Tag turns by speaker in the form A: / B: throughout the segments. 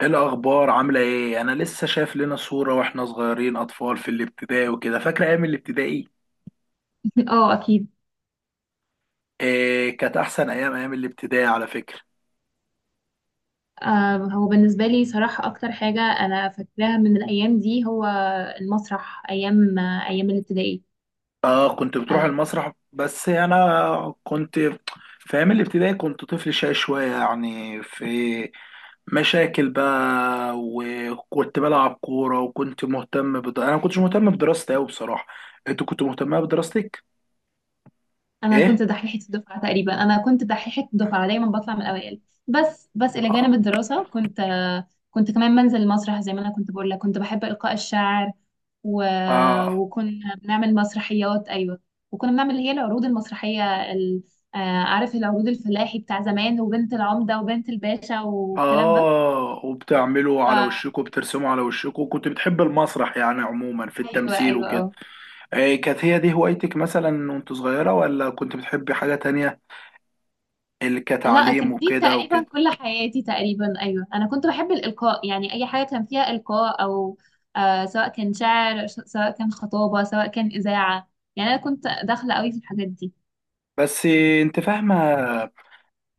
A: ايه الاخبار، عامله ايه؟ انا لسه شايف لنا صوره واحنا صغيرين اطفال في الابتدائي وكده، فاكره ايام الابتدائي.
B: اه اكيد.
A: إيه، كانت احسن ايام الابتدائي على فكره.
B: هو بالنسبه لي صراحه اكتر حاجه انا فاكراها من الايام دي، هو المسرح، ايام الابتدائي.
A: اه، كنت بتروح
B: آه
A: المسرح، بس انا كنت في ايام الابتدائي كنت طفل شقي شويه، يعني في مشاكل بقى. وكنت بلعب كوره، وكنت مهتم انا ما كنتش مهتم بدراستي قوي بصراحه. انت كنت مهتمه بدراستك؟
B: انا
A: ايه.
B: كنت دحيحه الدفعه تقريبا، انا كنت دحيحه الدفعه دايما بطلع من الاوائل. بس الى
A: اه،
B: جانب الدراسه، كنت كمان بنزل المسرح زي ما انا كنت بقول لك، كنت بحب القاء الشعر. و...
A: اه،
B: وكنا بنعمل مسرحيات. ايوه. وكنا بنعمل اللي هي العروض المسرحيه آه، عارف؟ العروض الفلاحي بتاع زمان، وبنت العمده وبنت الباشا والكلام ده.
A: اه. وبتعملوا
B: ف
A: على وشكوا، بترسموا على وشكوا؟ كنت بتحب المسرح يعني عموما، في
B: ايوه،
A: التمثيل
B: ايوه،
A: وكده؟
B: اه.
A: آه، كانت هي دي هوايتك مثلا وانت صغيرة، ولا كنت بتحبي حاجة تانية؟ اللي
B: لا، كان
A: كتعليم
B: دي
A: وكده
B: تقريبا
A: وكده.
B: كل حياتي تقريبا. ايوه، انا كنت بحب الالقاء، يعني اي حاجه كان فيها القاء او سواء كان شعر، سواء كان خطابه، سواء كان اذاعه. يعني انا كنت داخله قوي في الحاجات دي.
A: بس انت فاهمة،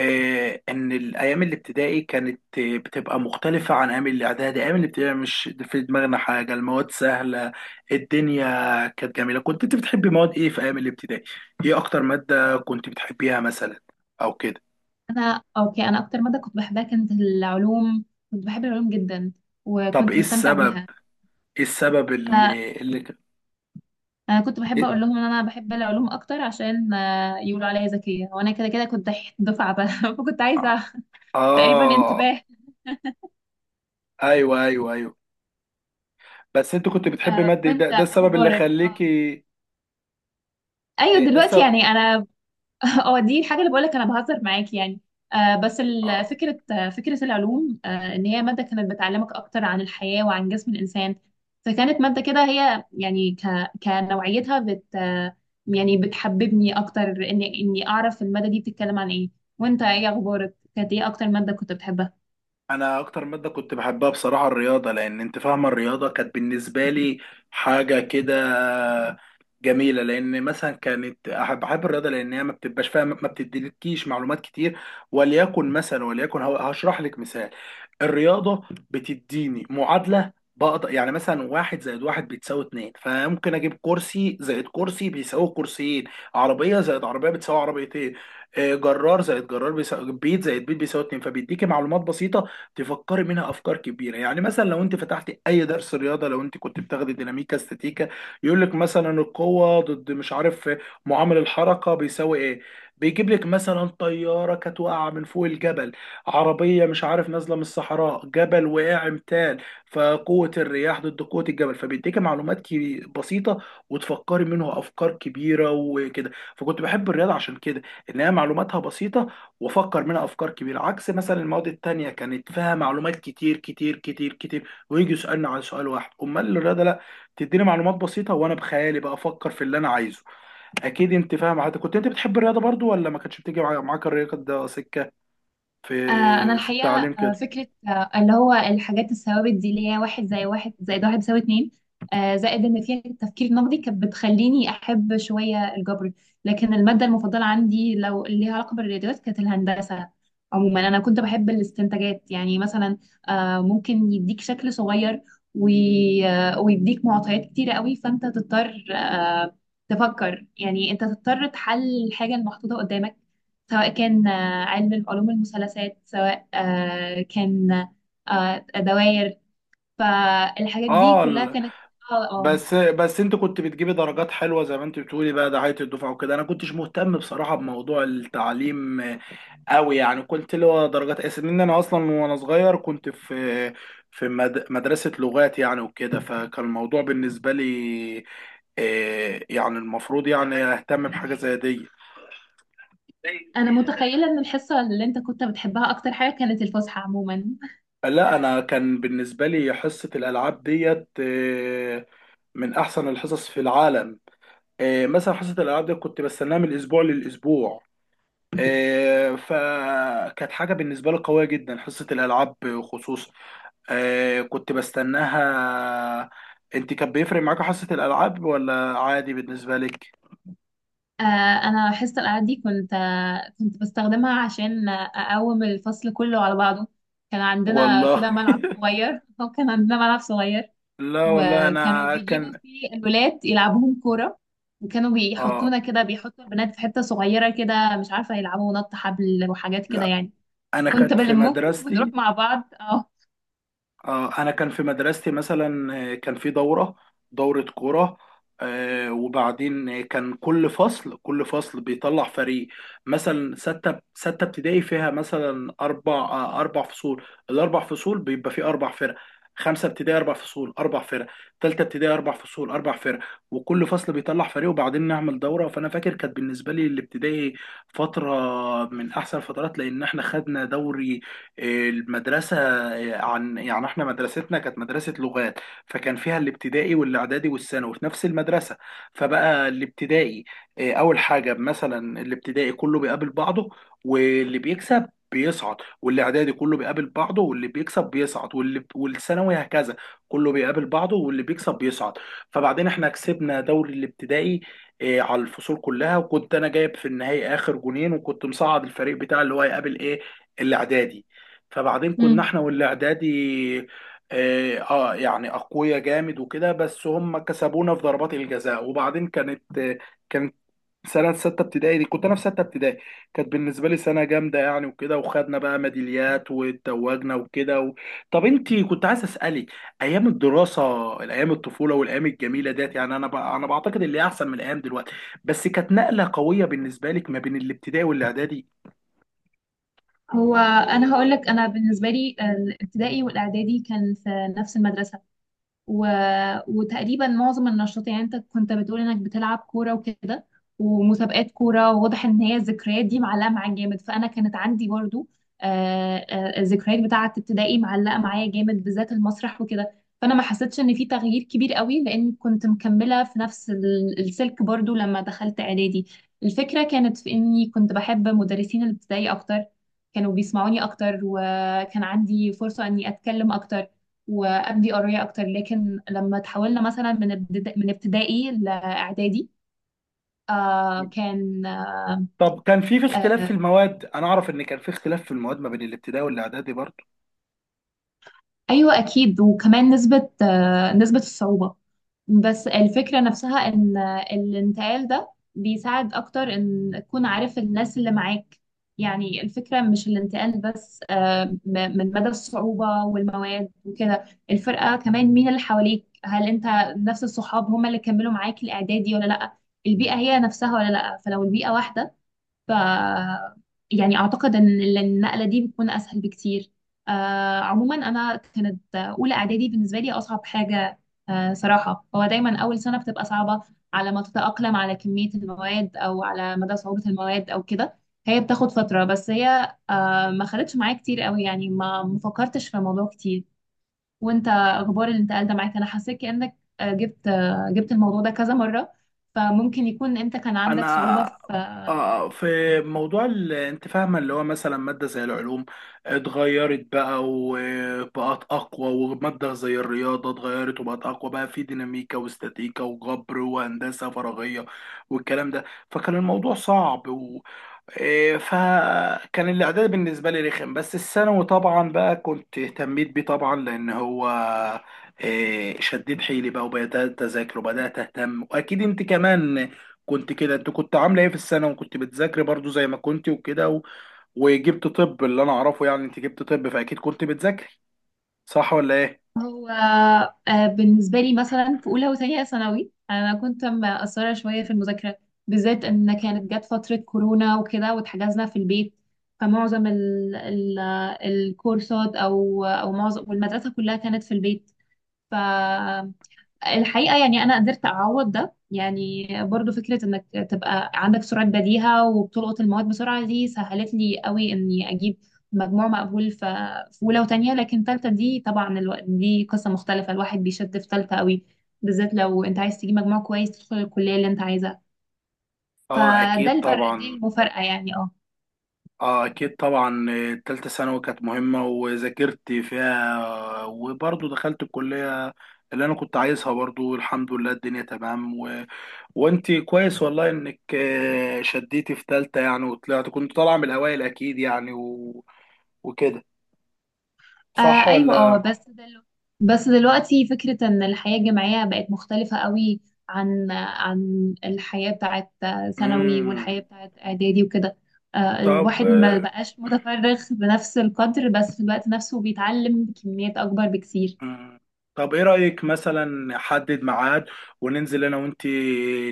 A: ان الايام الابتدائي كانت بتبقى مختلفة عن ايام الاعدادي. ايام الابتدائي مش في دماغنا حاجة، المواد سهلة، الدنيا كانت جميلة. كنت انت بتحبي مواد ايه في ايام الابتدائي؟ ايه اكتر مادة كنت بتحبيها مثلا او كده؟
B: انا، اوكي، انا اكتر ماده كنت بحبها كانت العلوم. كنت بحب العلوم جدا،
A: طب
B: وكنت
A: ايه
B: بستمتع
A: السبب؟
B: بيها.
A: ايه السبب
B: آه
A: اللي
B: انا كنت بحب
A: إيه؟
B: اقول لهم ان انا بحب العلوم اكتر عشان يقولوا عليا ذكيه، وانا كده كده كنت دفعه بقى. فكنت عايزه تقريبا
A: اه،
B: انتباه.
A: ايوه، ايوه، ايوه. بس انت كنت بتحب مادة، ده
B: وانت
A: ده السبب اللي
B: اخبارك؟ اه،
A: خليكي؟
B: ايوه
A: إيه ده
B: دلوقتي،
A: السبب؟
B: يعني انا اه، دي الحاجه اللي بقولك انا بهزر معاك، يعني. بس
A: آه.
B: فكره العلوم، ان هي ماده كانت بتعلمك اكتر عن الحياه وعن جسم الانسان. فكانت ماده كده، هي يعني كنوعيتها بت آه، يعني بتحببني اكتر اني اعرف الماده دي بتتكلم عن ايه. وانت، ايه اخبارك؟ كانت ايه اكتر ماده كنت بتحبها؟
A: انا اكتر ماده كنت بحبها بصراحه الرياضه، لان انت فاهمه الرياضه كانت بالنسبه لي حاجه كده جميله. لان مثلا كانت احب الرياضه، لان هي ما بتبقاش فاهم، ما بتديلكيش معلومات كتير. وليكن مثلا، وليكن هشرح لك مثال. الرياضه بتديني معادله، بقدر يعني مثلا واحد زائد واحد بتساوي اتنين، فممكن اجيب كرسي زائد كرسي بيساوي كرسيين، عربيه زائد عربيه بتساوي عربيتين، جرار زائد جرار بيساوي، بيت زائد بيت بيساوي اتنين. فبيديكي معلومات بسيطه تفكري منها افكار كبيره. يعني مثلا لو انت فتحتي اي درس رياضه، لو انت كنت بتاخدي ديناميكا استاتيكا، يقول لك مثلا القوه ضد مش عارف معامل الحركه بيساوي ايه، بيجيب لك مثلا طياره كانت واقعه من فوق الجبل، عربيه مش عارف نازله من الصحراء، جبل وقع امتال، فقوه الرياح ضد قوه الجبل. فبيديكي معلومات بسيطه وتفكري منها افكار كبيره وكده. فكنت بحب الرياضه عشان كده، ان هي معلوماتها بسيطه وافكر منها افكار كبيره، عكس مثلا المواد التانية كانت فيها معلومات كتير كتير كتير كتير، ويجي يسالنا عن سؤال واحد. امال الرياضه لا، تديني معلومات بسيطه وانا بخيالي بقى افكر في اللي انا عايزه. اكيد انت فاهم. حضرتك كنت انت بتحب الرياضه برضو، ولا ما كانتش بتيجي معاك الرياضه، ده سكه في
B: انا
A: في
B: الحقيقه،
A: التعليم كده؟
B: فكره، اللي هو الحاجات الثوابت دي، اللي هي واحد، زي واحد زائد واحد بيساوي اتنين، زائد ان فيها التفكير النقدي، كانت بتخليني احب شويه الجبر. لكن الماده المفضله عندي، لو اللي ليها علاقه بالرياضيات، كانت الهندسه. عموما انا كنت بحب الاستنتاجات. يعني مثلا، ممكن يديك شكل صغير، ويديك معطيات كتيره قوي، فانت تضطر، تفكر، يعني انت تضطر تحل الحاجه المحطوطه قدامك، سواء كان علم من علوم المثلثات، سواء كان دوائر. فالحاجات دي
A: اه،
B: كلها كانت اه آه.
A: بس انت كنت بتجيبي درجات حلوه زي ما انت بتقولي بقى، دعايه الدفعه وكده. انا كنتش مهتم بصراحه بموضوع التعليم أوي، يعني كنت له درجات أساس لأن أنا أصلا وأنا صغير كنت في مدرسة لغات يعني وكده، فكان الموضوع بالنسبة لي يعني المفروض يعني أهتم بحاجة زي دي.
B: انا متخيله ان الحصه اللي انت كنت بتحبها اكتر حاجه كانت الفسحه عموما.
A: لا انا كان بالنسبه لي حصه الالعاب ديت من احسن الحصص في العالم. مثلا حصه الالعاب دي كنت بستناها من الاسبوع للاسبوع. فكانت حاجه بالنسبه لي قويه جدا حصه الالعاب، خصوصا كنت بستناها. انت كان بيفرق معاك حصة الالعاب، ولا عادي بالنسبة لك؟
B: آه، انا حصه الالعاب دي كنت بستخدمها عشان اقوم الفصل كله على بعضه. كان عندنا
A: والله،
B: كده ملعب صغير. او كان عندنا ملعب صغير،
A: لا والله
B: وكانوا
A: انا
B: بيجيبوا
A: كان
B: فيه الولاد يلعبوهم كورة. وكانوا
A: اه،
B: بيحطونا كده، بيحطوا البنات في حتة صغيرة كده، مش عارفة، يلعبوا نط حبل وحاجات كده
A: لا،
B: يعني.
A: انا
B: كنت
A: كانت في
B: بلمهم ونروح
A: مدرستي،
B: مع بعض. اه.
A: انا كان في مدرستي مثلا كان في دوره كوره، وبعدين كان كل فصل بيطلع فريق. مثلا سته ابتدائي فيها مثلا اربع فصول، الاربع فصول بيبقى فيه اربع فرق. خمسه ابتدائي اربع فصول اربع فرق، ثالثه ابتدائي اربع فصول اربع فرق. وكل فصل بيطلع فريق وبعدين نعمل دوره. فانا فاكر كانت بالنسبه لي الابتدائي فتره من احسن الفترات، لان احنا خدنا دوري المدرسة. عن يعني احنا مدرستنا كانت مدرسة لغات، فكان فيها الابتدائي والاعدادي والثانوي في نفس المدرسة. فبقى الابتدائي اه، اول حاجة مثلا الابتدائي كله بيقابل بعضه واللي بيكسب بيصعد، والاعدادي كله بيقابل بعضه واللي بيكسب بيصعد، والثانوي هكذا كله بيقابل بعضه واللي بيكسب بيصعد. فبعدين احنا كسبنا دوري الابتدائي اه، على الفصول كلها. وكنت انا جايب في النهائي اخر جونين، وكنت مصعد الفريق بتاع اللي هو هيقابل ايه؟ الاعدادي. فبعدين كنا
B: امم
A: احنا والاعدادي يعني اقوياء جامد وكده، بس هم كسبونا في ضربات الجزاء. وبعدين كانت كانت سنة ستة ابتدائي دي، كنت أنا في ستة ابتدائي، كانت بالنسبة لي سنة جامدة يعني وكده، وخدنا بقى ميداليات واتوجنا وكده و... طب أنت كنت عايز أسألك، أيام الدراسة، الأيام الطفولة والأيام الجميلة ديت يعني أنا بعتقد اللي هي أحسن من الأيام دلوقتي. بس كانت نقلة قوية بالنسبة لك ما بين الابتدائي والإعدادي؟
B: هو انا هقول لك، انا بالنسبة لي الابتدائي والاعدادي كان في نفس المدرسة، و... وتقريبا معظم النشاط، يعني انت كنت بتقول انك بتلعب كورة وكده، ومسابقات كورة، وواضح ان هي الذكريات دي معلقة معاك جامد. فانا كانت عندي برضو الذكريات بتاعة ابتدائي معلقة معايا جامد، بالذات المسرح وكده. فانا ما حسيتش ان في تغيير كبير قوي، لان كنت مكملة في نفس السلك برضو لما دخلت اعدادي. الفكرة كانت في اني كنت بحب مدرسين الابتدائي اكتر، كانوا بيسمعوني اكتر، وكان عندي فرصة اني اتكلم اكتر وابدي قريه اكتر. لكن لما تحولنا مثلا من من ابتدائي لاعدادي، آه كان آه
A: طب كان في اختلاف في
B: آه
A: المواد؟ انا اعرف ان كان في اختلاف في المواد ما بين الابتدائي والاعدادي برضه.
B: ايوه اكيد. وكمان نسبه الصعوبه. بس الفكرة نفسها ان الانتقال ده بيساعد اكتر ان تكون عارف الناس اللي معاك. يعني الفكرة مش الانتقال بس، من مدى الصعوبة والمواد وكده، الفرقة كمان، مين اللي حواليك. هل انت نفس الصحاب هم اللي كملوا معاك الاعدادي ولا لا؟ البيئة هي نفسها ولا لا؟ فلو البيئة واحدة، ف يعني اعتقد ان النقله دي بتكون اسهل بكتير. عموما انا كانت اولى اعدادي بالنسبه لي اصعب حاجه. صراحه، هو دايما اول سنه بتبقى صعبه على ما تتاقلم على كميه المواد او على مدى صعوبه المواد او كده. هي بتاخد فتره، بس هي ما خدتش معايا كتير قوي، يعني ما فكرتش في الموضوع كتير. وانت، اخبار الانتقال ده معاك؟ انا حسيت كانك جبت الموضوع ده كذا مره، فممكن يكون انت كان عندك صعوبه
A: انا
B: في.
A: في موضوع انت فاهمه اللي هو مثلا ماده زي العلوم اتغيرت بقى وبقت اقوى، وماده زي الرياضه اتغيرت وبقت اقوى بقى، في ديناميكا واستاتيكا وجبر وهندسه فراغيه والكلام ده. فكان الموضوع صعب. إيه، فكان الاعداد بالنسبه لي رخم. بس الثانوي طبعا بقى كنت اهتميت بيه طبعا لان هو إيه، شديد حيلي بقى، وبدات اذاكر وبدات اهتم. واكيد انت كمان كنت كده، انت كنت عامله ايه في الثانوي؟ وكنت بتذاكري برضو زي ما كنت وكده و- وجبت طب. اللي انا اعرفه يعني انت جبت طب، فاكيد كنت بتذاكري، صح ولا ايه؟
B: هو بالنسبة لي مثلا في أولى وثانية ثانوي، أنا كنت مقصرة شوية في المذاكرة، بالذات إن كانت جت فترة كورونا وكده واتحجزنا في البيت. فمعظم ال ال الكورسات أو معظم والمدرسة كلها كانت في البيت. الحقيقة يعني أنا قدرت أعوض ده، يعني برضو فكرة إنك تبقى عندك سرعة بديهة وبتلقط المواد بسرعة، دي سهلت لي قوي إني أجيب مجموع مقبول في أولى وتانية. لكن تالتة دي طبعا دي قصة مختلفة. الواحد بيشد في تالتة قوي، بالذات لو أنت عايز تجيب مجموع كويس تدخل الكلية اللي أنت عايزها.
A: اه،
B: فده
A: اكيد
B: الفرق، دي
A: طبعا.
B: المفارقة، يعني اه.
A: اه، اكيد طبعا، تالتة ثانوي كانت مهمة وذاكرت فيها وبرضو دخلت الكلية اللي انا كنت عايزها. برضو الحمد لله الدنيا تمام و... وانت كويس والله، انك شديتي في تالتة يعني، وطلعت كنت طالعة من الاوائل اكيد يعني و... وكده،
B: آه
A: صح
B: ايوه. اه،
A: ولا؟
B: بس دلوقتي فكرة ان الحياة الجامعية بقت مختلفة قوي عن الحياة بتاعت ثانوي
A: امم.
B: والحياة بتاعت اعدادي وكده.
A: طب.
B: الواحد ما بقاش متفرغ بنفس القدر، بس في الوقت نفسه بيتعلم كميات اكبر بكتير.
A: مم. طب ايه رأيك مثلا نحدد ميعاد وننزل انا وانت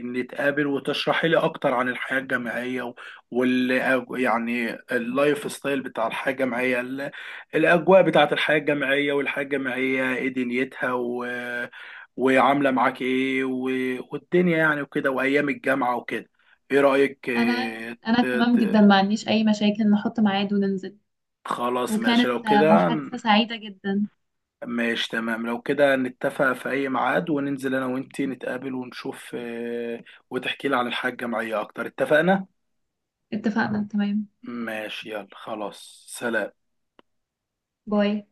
A: نتقابل، وتشرحي لي اكتر عن الحياة الجامعية و- وال يعني اللايف ستايل بتاع الحياة الجامعية، الاجواء بتاعة الحياة الجامعية، والحياة الجامعية ايه دنيتها و... وعاملة معاك ايه و... والدنيا يعني وكده، وايام الجامعة وكده. ايه رأيك؟
B: انا انا تمام جدا، ما عنديش اي مشاكل. نحط ميعاد وننزل.
A: خلاص ماشي لو
B: وكانت
A: كده.
B: محادثة سعيدة جدا.
A: ماشي تمام لو كده، نتفق في أي ميعاد وننزل أنا وأنتي نتقابل ونشوف، وتحكي لي عن الحياة الجامعية أكتر. اتفقنا؟
B: اتفقنا، تمام.
A: ماشي يلا خلاص، سلام.
B: باي.